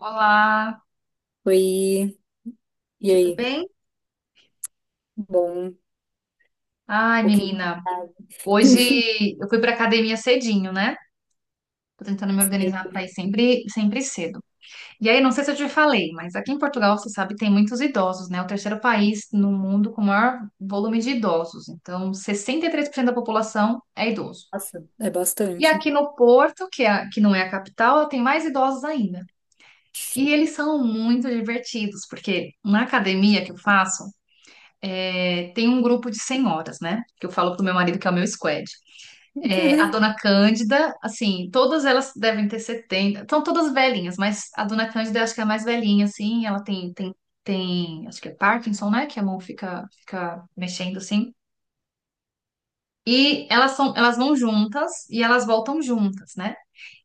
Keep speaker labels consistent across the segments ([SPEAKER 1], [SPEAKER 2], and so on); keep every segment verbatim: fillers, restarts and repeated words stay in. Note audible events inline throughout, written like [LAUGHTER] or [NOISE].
[SPEAKER 1] Olá,
[SPEAKER 2] Oi, e
[SPEAKER 1] tudo
[SPEAKER 2] aí?
[SPEAKER 1] bem?
[SPEAKER 2] Bom, um
[SPEAKER 1] Ai,
[SPEAKER 2] pouquinho
[SPEAKER 1] menina,
[SPEAKER 2] tarde.
[SPEAKER 1] hoje
[SPEAKER 2] [LAUGHS]
[SPEAKER 1] eu fui pra academia cedinho, né? Tô tentando me organizar pra
[SPEAKER 2] Sim.
[SPEAKER 1] ir sempre, sempre cedo. E aí, não sei se eu te falei, mas aqui em Portugal, você sabe, tem muitos idosos, né? O terceiro país no mundo com o maior volume de idosos. Então, sessenta e três por cento da população é idoso.
[SPEAKER 2] Nossa, é
[SPEAKER 1] E
[SPEAKER 2] bastante.
[SPEAKER 1] aqui no Porto, que, é, a- que não é a capital, tem mais idosos ainda. E eles são muito divertidos, porque na academia que eu faço, é, tem um grupo de senhoras, né? Que eu falo pro meu marido que é o meu squad. É, a
[SPEAKER 2] [LAUGHS]
[SPEAKER 1] dona Cândida, assim, todas elas devem ter setenta, são todas velhinhas, mas a dona Cândida eu acho que é a mais velhinha, assim, ela tem, tem, tem, acho que é Parkinson, né? Que a mão fica, fica mexendo, assim. E elas são, elas vão juntas e elas voltam juntas, né?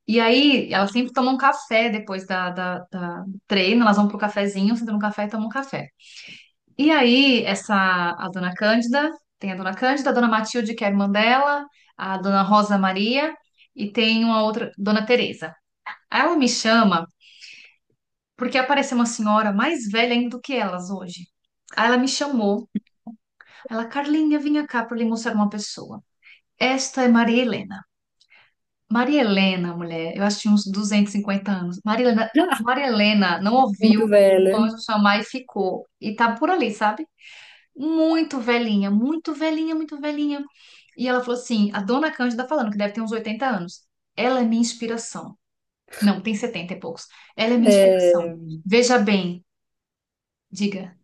[SPEAKER 1] E aí, elas sempre tomam café depois da, da, da do treino, elas vão pro cafezinho, sentam no café e tomam café. E aí, essa, a dona Cândida, tem a dona Cândida, a dona Matilde, que é a irmã dela, a dona Rosa Maria e tem uma outra, dona Teresa. Aí ela me chama porque apareceu uma senhora mais velha ainda do que elas hoje. Aí ela me chamou, ela, Carlinha, vinha cá para lhe mostrar uma pessoa. Esta é Maria Helena. Maria Helena, mulher, eu acho que tinha uns duzentos e cinquenta anos. Maria Helena, Maria Helena não ouviu
[SPEAKER 2] Muito
[SPEAKER 1] o
[SPEAKER 2] velha.
[SPEAKER 1] anjo chamar e ficou. E tá por ali, sabe? Muito velhinha, muito velhinha, muito velhinha. E ela falou assim: a dona Cândida tá falando, que deve ter uns oitenta anos, ela é minha inspiração. Não, tem setenta e poucos. Ela é minha inspiração.
[SPEAKER 2] É,
[SPEAKER 1] Veja bem, diga.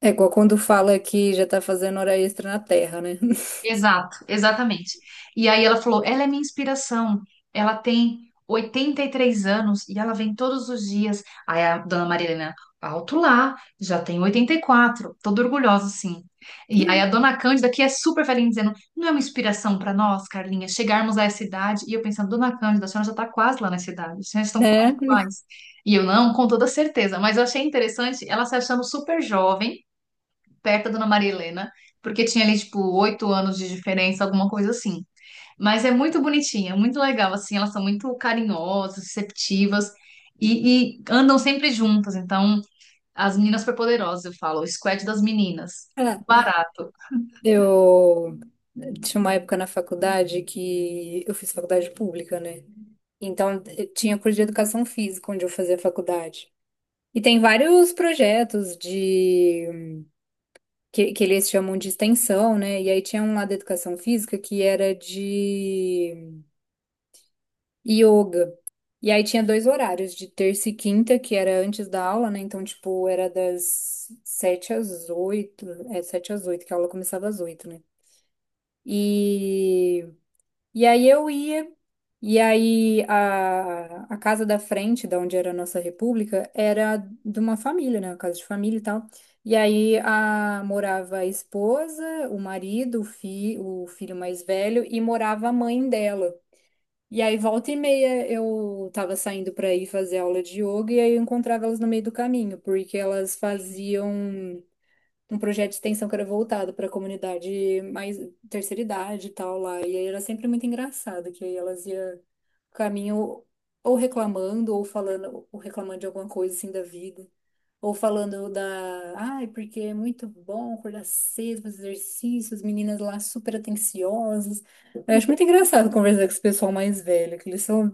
[SPEAKER 2] é igual quando fala que já tá fazendo hora extra na Terra, né?
[SPEAKER 1] Exato, exatamente. E aí ela falou: ela é minha inspiração. Ela tem oitenta e três anos e ela vem todos os dias. Aí a dona Marilena, alto lá, já tem oitenta e quatro. Toda orgulhosa assim. E aí a
[SPEAKER 2] [LAUGHS]
[SPEAKER 1] dona Cândida, que é super velhinha, dizendo: não é uma inspiração para nós, Carlinha, chegarmos a essa idade? E eu pensando: dona Cândida, a senhora já está quase lá nessa idade, vocês já estão quase
[SPEAKER 2] Né?
[SPEAKER 1] iguais. E eu não, com toda certeza, mas eu achei interessante ela se achando super jovem perto da Dona Maria Helena, porque tinha ali, tipo, oito anos de diferença, alguma coisa assim. Mas é muito bonitinha, é muito legal, assim, elas são muito carinhosas, receptivas e, e andam sempre juntas. Então, as meninas superpoderosas, eu falo, o squad das meninas. Barato.
[SPEAKER 2] Eu tinha uma época na faculdade que eu fiz faculdade pública, né? Então eu tinha curso de educação física onde eu fazia faculdade. E tem vários projetos de que, que eles chamam de extensão, né? E aí tinha um lá da educação física que era de yoga. E aí tinha dois horários, de terça e quinta, que era antes da aula, né? Então, tipo, era das sete às oito, é, sete às oito, que a aula começava às oito, né? E e aí eu ia, e aí a, a casa da frente, da onde era a nossa república, era de uma família, né? Uma casa de família e tal. E aí a, morava a esposa, o marido, o, fi, o filho mais velho, e morava a mãe dela. E aí, volta e meia, eu tava saindo pra ir fazer aula de yoga e aí eu encontrava elas no meio do caminho, porque elas faziam um projeto de extensão que era voltado para a comunidade mais terceira idade e tal lá. E aí era sempre muito engraçado, que aí elas iam caminho ou reclamando, ou falando, ou reclamando de alguma coisa assim da vida. Ou falando da, ai, porque é muito bom acordar cedo, fazer exercícios, meninas lá super atenciosas. Eu acho muito engraçado conversar com esse pessoal mais velho, que eles são,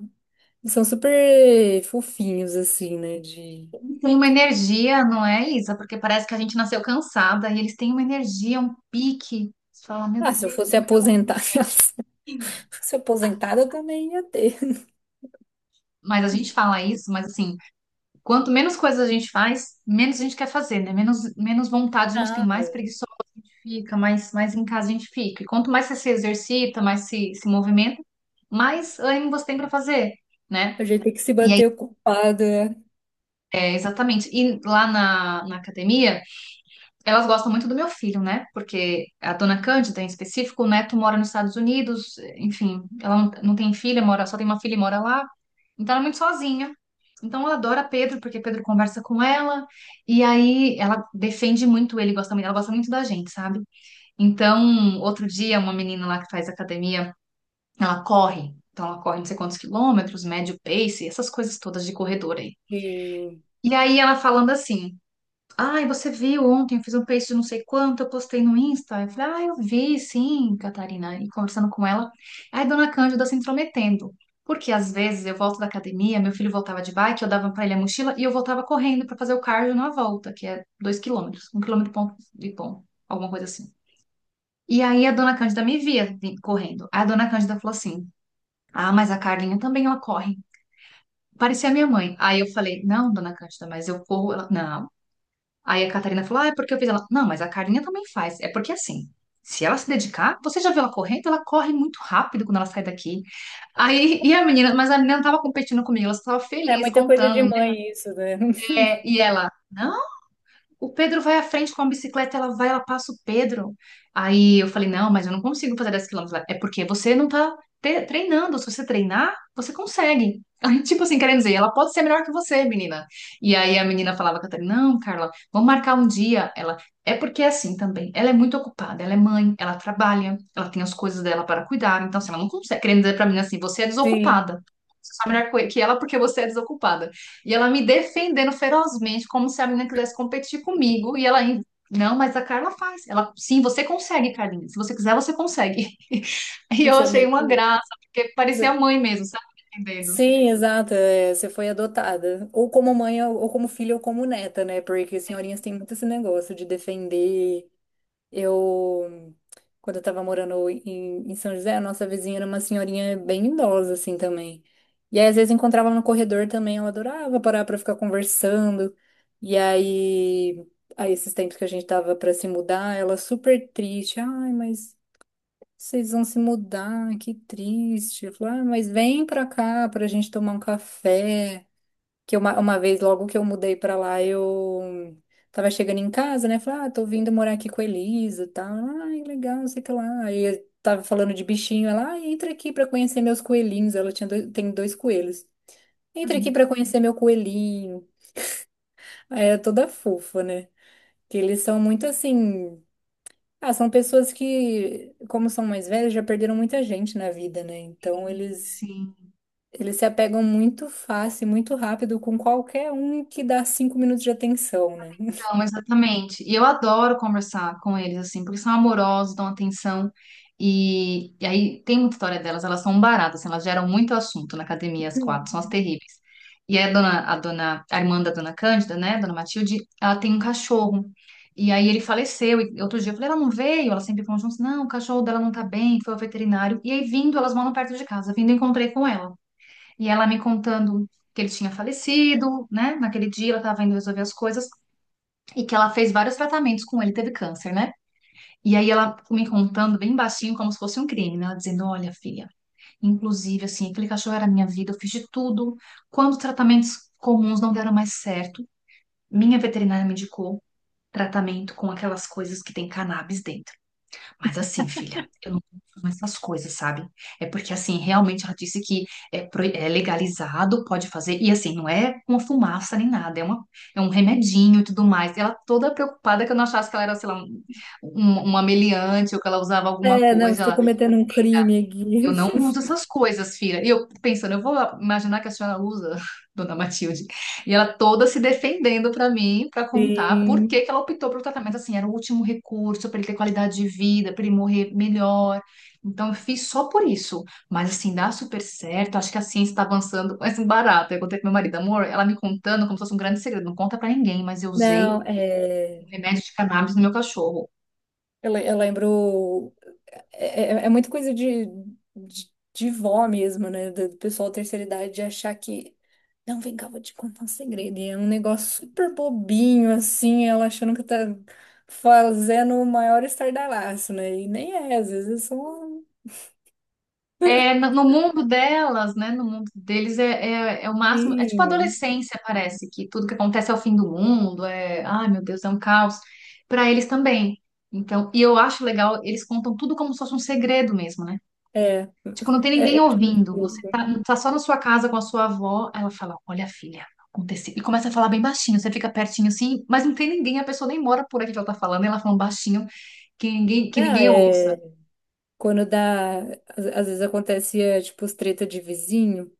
[SPEAKER 2] eles são super fofinhos, assim, né? De,
[SPEAKER 1] Tem uma energia, não é, Isa? Porque parece que a gente nasceu cansada e eles têm uma energia, um pique. Você fala, meu
[SPEAKER 2] ah, se eu
[SPEAKER 1] Deus,
[SPEAKER 2] fosse
[SPEAKER 1] como é que acontece?
[SPEAKER 2] aposentada, [LAUGHS] se eu fosse aposentada, eu também ia ter.
[SPEAKER 1] Mas a gente fala isso, mas assim, quanto menos coisas a gente faz, menos a gente quer fazer, né? Menos, menos vontade a gente tem,
[SPEAKER 2] Ah,
[SPEAKER 1] mais preguiçoso a gente fica, mais, mais em casa a gente fica. E quanto mais você se exercita, mais se, se movimenta, mais ânimo você tem para fazer, né?
[SPEAKER 2] a gente tem que se
[SPEAKER 1] E aí,
[SPEAKER 2] manter ocupado, né?
[SPEAKER 1] é, exatamente. E lá na, na academia, elas gostam muito do meu filho, né? Porque a dona Cândida, em específico, o neto mora nos Estados Unidos, enfim, ela não, não tem filha, mora, só tem uma filha e mora lá. Então ela é muito sozinha. Então ela adora Pedro, porque Pedro conversa com ela, e aí ela defende muito ele, gosta muito, ela gosta muito da gente, sabe? Então, outro dia, uma menina lá que faz academia, ela corre. Então ela corre não sei quantos quilômetros, médio pace, essas coisas todas de corredor aí.
[SPEAKER 2] Sim.
[SPEAKER 1] E aí ela falando assim. Ai, você viu ontem, eu fiz um peixe de não sei quanto, eu postei no Insta. Eu falei, ah, eu vi, sim, Catarina. E conversando com ela, aí dona Cândida se intrometendo. Porque às vezes eu volto da academia, meu filho voltava de bike, eu dava pra ele a mochila e eu voltava correndo pra fazer o cardio na volta, que é dois quilômetros, um quilômetro e ponto, e ponto, alguma coisa assim. E aí a dona Cândida me via vim- correndo. Aí a dona Cândida falou assim: Ah, mas a Carlinha também ela corre. Parecia a minha mãe. Aí eu falei: Não, dona Cândida, mas eu corro. Ela, não. Aí a Catarina falou: Ah, é porque eu fiz ela. Não, mas a Carinha também faz. É porque assim, se ela se dedicar, você já viu ela correndo? Ela corre muito rápido quando ela sai daqui. Aí, e a menina, mas a menina não estava competindo comigo, ela estava
[SPEAKER 2] É
[SPEAKER 1] feliz
[SPEAKER 2] muita coisa de
[SPEAKER 1] contando,
[SPEAKER 2] mãe isso, né?
[SPEAKER 1] né?
[SPEAKER 2] [LAUGHS]
[SPEAKER 1] E ela, não. O Pedro vai à frente com a bicicleta, ela vai, ela passa o Pedro. Aí eu falei, não, mas eu não consigo fazer dez quilômetros. Ela, é porque você não tá te- treinando. Se você treinar, você consegue. [LAUGHS] Tipo assim, querendo dizer, ela pode ser melhor que você, menina. E aí a menina falava, Catarina, não, Carla, vamos marcar um dia. Ela, é porque é assim também. Ela é muito ocupada, ela é mãe, ela trabalha, ela tem as coisas dela para cuidar. Então, assim, ela não consegue. Querendo dizer pra mim assim, você é
[SPEAKER 2] Sim,
[SPEAKER 1] desocupada. Você é melhor que ela porque você é desocupada. E ela me defendendo ferozmente, como se a menina quisesse competir comigo. E ela ainda, não, mas a Carla faz. Ela, sim, você consegue, Carlinha. Se você quiser, você consegue. [LAUGHS] E eu
[SPEAKER 2] isso é
[SPEAKER 1] achei uma
[SPEAKER 2] muito.
[SPEAKER 1] graça, porque
[SPEAKER 2] isso
[SPEAKER 1] parecia a
[SPEAKER 2] é-
[SPEAKER 1] mãe mesmo, sabe? Entendendo.
[SPEAKER 2] Sim, exato. É, você foi adotada. Ou como mãe, ou ou como filha, ou como neta, né? Porque senhorinhas têm muito esse negócio de defender. Eu, quando eu tava morando em, em São José, a nossa vizinha era uma senhorinha bem idosa, assim, também. E aí, às vezes, encontrava no corredor também, ela adorava parar pra ficar conversando. E aí, aí esses tempos que a gente tava pra se mudar, ela super triste. Ai, mas vocês vão se mudar, que triste. Eu falei, ah, mas vem pra cá pra gente tomar um café que uma, uma vez, logo que eu mudei pra lá, eu tava chegando em casa, né? Falei, ah, tô vindo morar aqui com a Elisa e tal. Ai, legal, não sei o que lá. Aí eu tava falando de bichinho, ela, ah, entra aqui pra conhecer meus coelhinhos. Ela tinha dois- tem dois coelhos. Entra aqui
[SPEAKER 1] Uhum.
[SPEAKER 2] pra conhecer meu coelhinho. Aí é toda fofa, né? Que eles são muito assim. Ah, são pessoas que, como são mais velhas, já perderam muita gente na vida, né? Então eles
[SPEAKER 1] Sim.
[SPEAKER 2] eles se apegam muito fácil, muito rápido com qualquer um que dá cinco minutos de atenção, né?
[SPEAKER 1] Então, exatamente. E eu adoro conversar com eles, assim, porque são amorosos, dão atenção. E, e aí tem muita história delas, elas são baratas, assim, elas geram muito assunto na academia, as quatro, são as terríveis. E aí a dona, a dona, a irmã da dona Cândida, né, dona Matilde, ela tem um cachorro. E aí ele faleceu. E outro dia eu falei, ela não veio? Elas sempre falam juntos, não, o cachorro dela não tá bem, foi ao veterinário. E aí vindo, elas moram perto de casa, vindo eu encontrei com ela. E ela me contando que ele tinha falecido, né, naquele dia ela tava indo resolver as coisas. E que ela fez vários tratamentos com ele, teve câncer, né? E aí ela me contando bem baixinho, como se fosse um crime, né? Ela dizendo: Olha, filha, inclusive, assim, aquele cachorro era minha vida, eu fiz de tudo. Quando os tratamentos comuns não deram mais certo, minha veterinária me indicou tratamento com aquelas coisas que tem cannabis dentro. Mas assim, filha, eu não consumo essas coisas, sabe? É porque, assim, realmente ela disse que é, pro- é legalizado, pode fazer. E, assim, não é uma fumaça nem nada, é, uma, é um remedinho e tudo mais. E ela toda preocupada que eu não achasse que ela era, sei lá, um- um- uma meliante ou que ela usava alguma
[SPEAKER 2] É, não, estou
[SPEAKER 1] coisa.
[SPEAKER 2] cometendo um crime
[SPEAKER 1] Eu não
[SPEAKER 2] aqui.
[SPEAKER 1] uso essas coisas, filha. E eu pensando, eu vou imaginar que a senhora usa, [LAUGHS] dona Matilde. E ela toda se defendendo para mim, para
[SPEAKER 2] [LAUGHS]
[SPEAKER 1] contar por que
[SPEAKER 2] Sim.
[SPEAKER 1] que ela optou pelo tratamento. Assim, era o último recurso para ele ter qualidade de vida, para ele morrer melhor. Então, eu fiz só por isso. Mas, assim, dá super certo. Acho que a ciência está avançando. [LAUGHS] Mas, assim, barato. Eu contei pro meu marido, amor, ela me contando como se fosse um grande segredo. Não conta para ninguém, mas eu usei
[SPEAKER 2] Não,
[SPEAKER 1] um
[SPEAKER 2] é...
[SPEAKER 1] remédio de cannabis no meu cachorro.
[SPEAKER 2] Eu, le- eu lembro... É, é é muito coisa de, de, de vó mesmo, né? Do do pessoal da terceira idade de achar que... Não, vem cá, vou te contar um segredo. E é um negócio super bobinho, assim, ela achando que tá fazendo o maior estardalhaço, né? E nem é, às vezes é só...
[SPEAKER 1] É, no no mundo delas, né? No mundo deles é, é, é o máximo. É tipo
[SPEAKER 2] Sim.
[SPEAKER 1] adolescência, parece, que tudo que acontece é o fim do mundo, é, ai meu Deus, é um caos. Para eles também. Então, e eu acho legal, eles contam tudo como se fosse um segredo mesmo, né?
[SPEAKER 2] É,
[SPEAKER 1] Tipo, não tem
[SPEAKER 2] é,
[SPEAKER 1] ninguém
[SPEAKER 2] eu acho muito
[SPEAKER 1] ouvindo. Você
[SPEAKER 2] fofo.
[SPEAKER 1] tá, tá só na sua casa com a sua avó, ela fala: Olha, filha, aconteceu. E começa a falar bem baixinho, você fica pertinho assim, mas não tem ninguém, a pessoa nem mora por aqui que ela tá falando, e ela falando baixinho, que ninguém, que
[SPEAKER 2] Não,
[SPEAKER 1] ninguém
[SPEAKER 2] é,
[SPEAKER 1] ouça.
[SPEAKER 2] quando dá, às, às vezes acontecia, tipo, os treta de vizinho,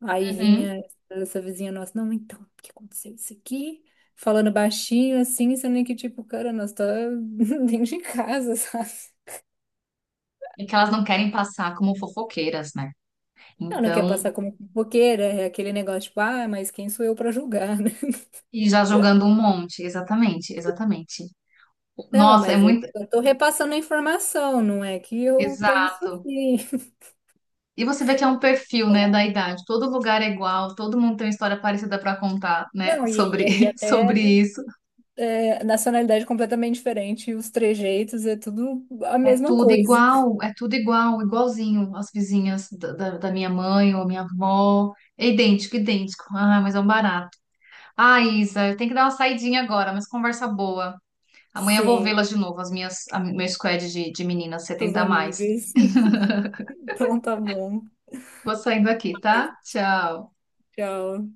[SPEAKER 2] aí
[SPEAKER 1] Uhum.
[SPEAKER 2] vinha essa vizinha nossa, não, então, o que aconteceu isso aqui? Falando baixinho, assim, sendo que, tipo, cara, nós tá [LAUGHS] dentro de casa, [LAUGHS] sabe?
[SPEAKER 1] E que elas não querem passar como fofoqueiras, né?
[SPEAKER 2] Não, não quer
[SPEAKER 1] Então,
[SPEAKER 2] passar como fofoqueira, é aquele negócio, tipo, ah, mas quem sou eu pra julgar, [LAUGHS] né?
[SPEAKER 1] e já jogando um monte, exatamente, exatamente.
[SPEAKER 2] Não,
[SPEAKER 1] Nossa, é
[SPEAKER 2] mas eu
[SPEAKER 1] muito.
[SPEAKER 2] eu tô repassando a informação, não é que eu penso
[SPEAKER 1] Exato.
[SPEAKER 2] assim.
[SPEAKER 1] E você vê que é um perfil, né, da
[SPEAKER 2] Bom.
[SPEAKER 1] idade. Todo lugar é igual, todo mundo tem uma história parecida para contar, né,
[SPEAKER 2] Não, e,
[SPEAKER 1] sobre,
[SPEAKER 2] e, e
[SPEAKER 1] [LAUGHS]
[SPEAKER 2] até
[SPEAKER 1] sobre isso.
[SPEAKER 2] é, nacionalidade completamente diferente, os trejeitos, é tudo a
[SPEAKER 1] É
[SPEAKER 2] mesma
[SPEAKER 1] tudo
[SPEAKER 2] coisa.
[SPEAKER 1] igual, é tudo igual, igualzinho as vizinhas da, da, da minha mãe ou minha avó. É idêntico, idêntico. Ah, mas é um barato. Ah, Isa, eu tenho que dar uma saidinha agora, mas conversa boa. Amanhã eu vou
[SPEAKER 2] Sim,
[SPEAKER 1] vê-las de novo, as minhas, a, meu squad de, de meninas
[SPEAKER 2] suas
[SPEAKER 1] setenta a mais.
[SPEAKER 2] amigas. [LAUGHS] Então tá bom.
[SPEAKER 1] Vou saindo aqui, tá? Tchau.
[SPEAKER 2] Tchau.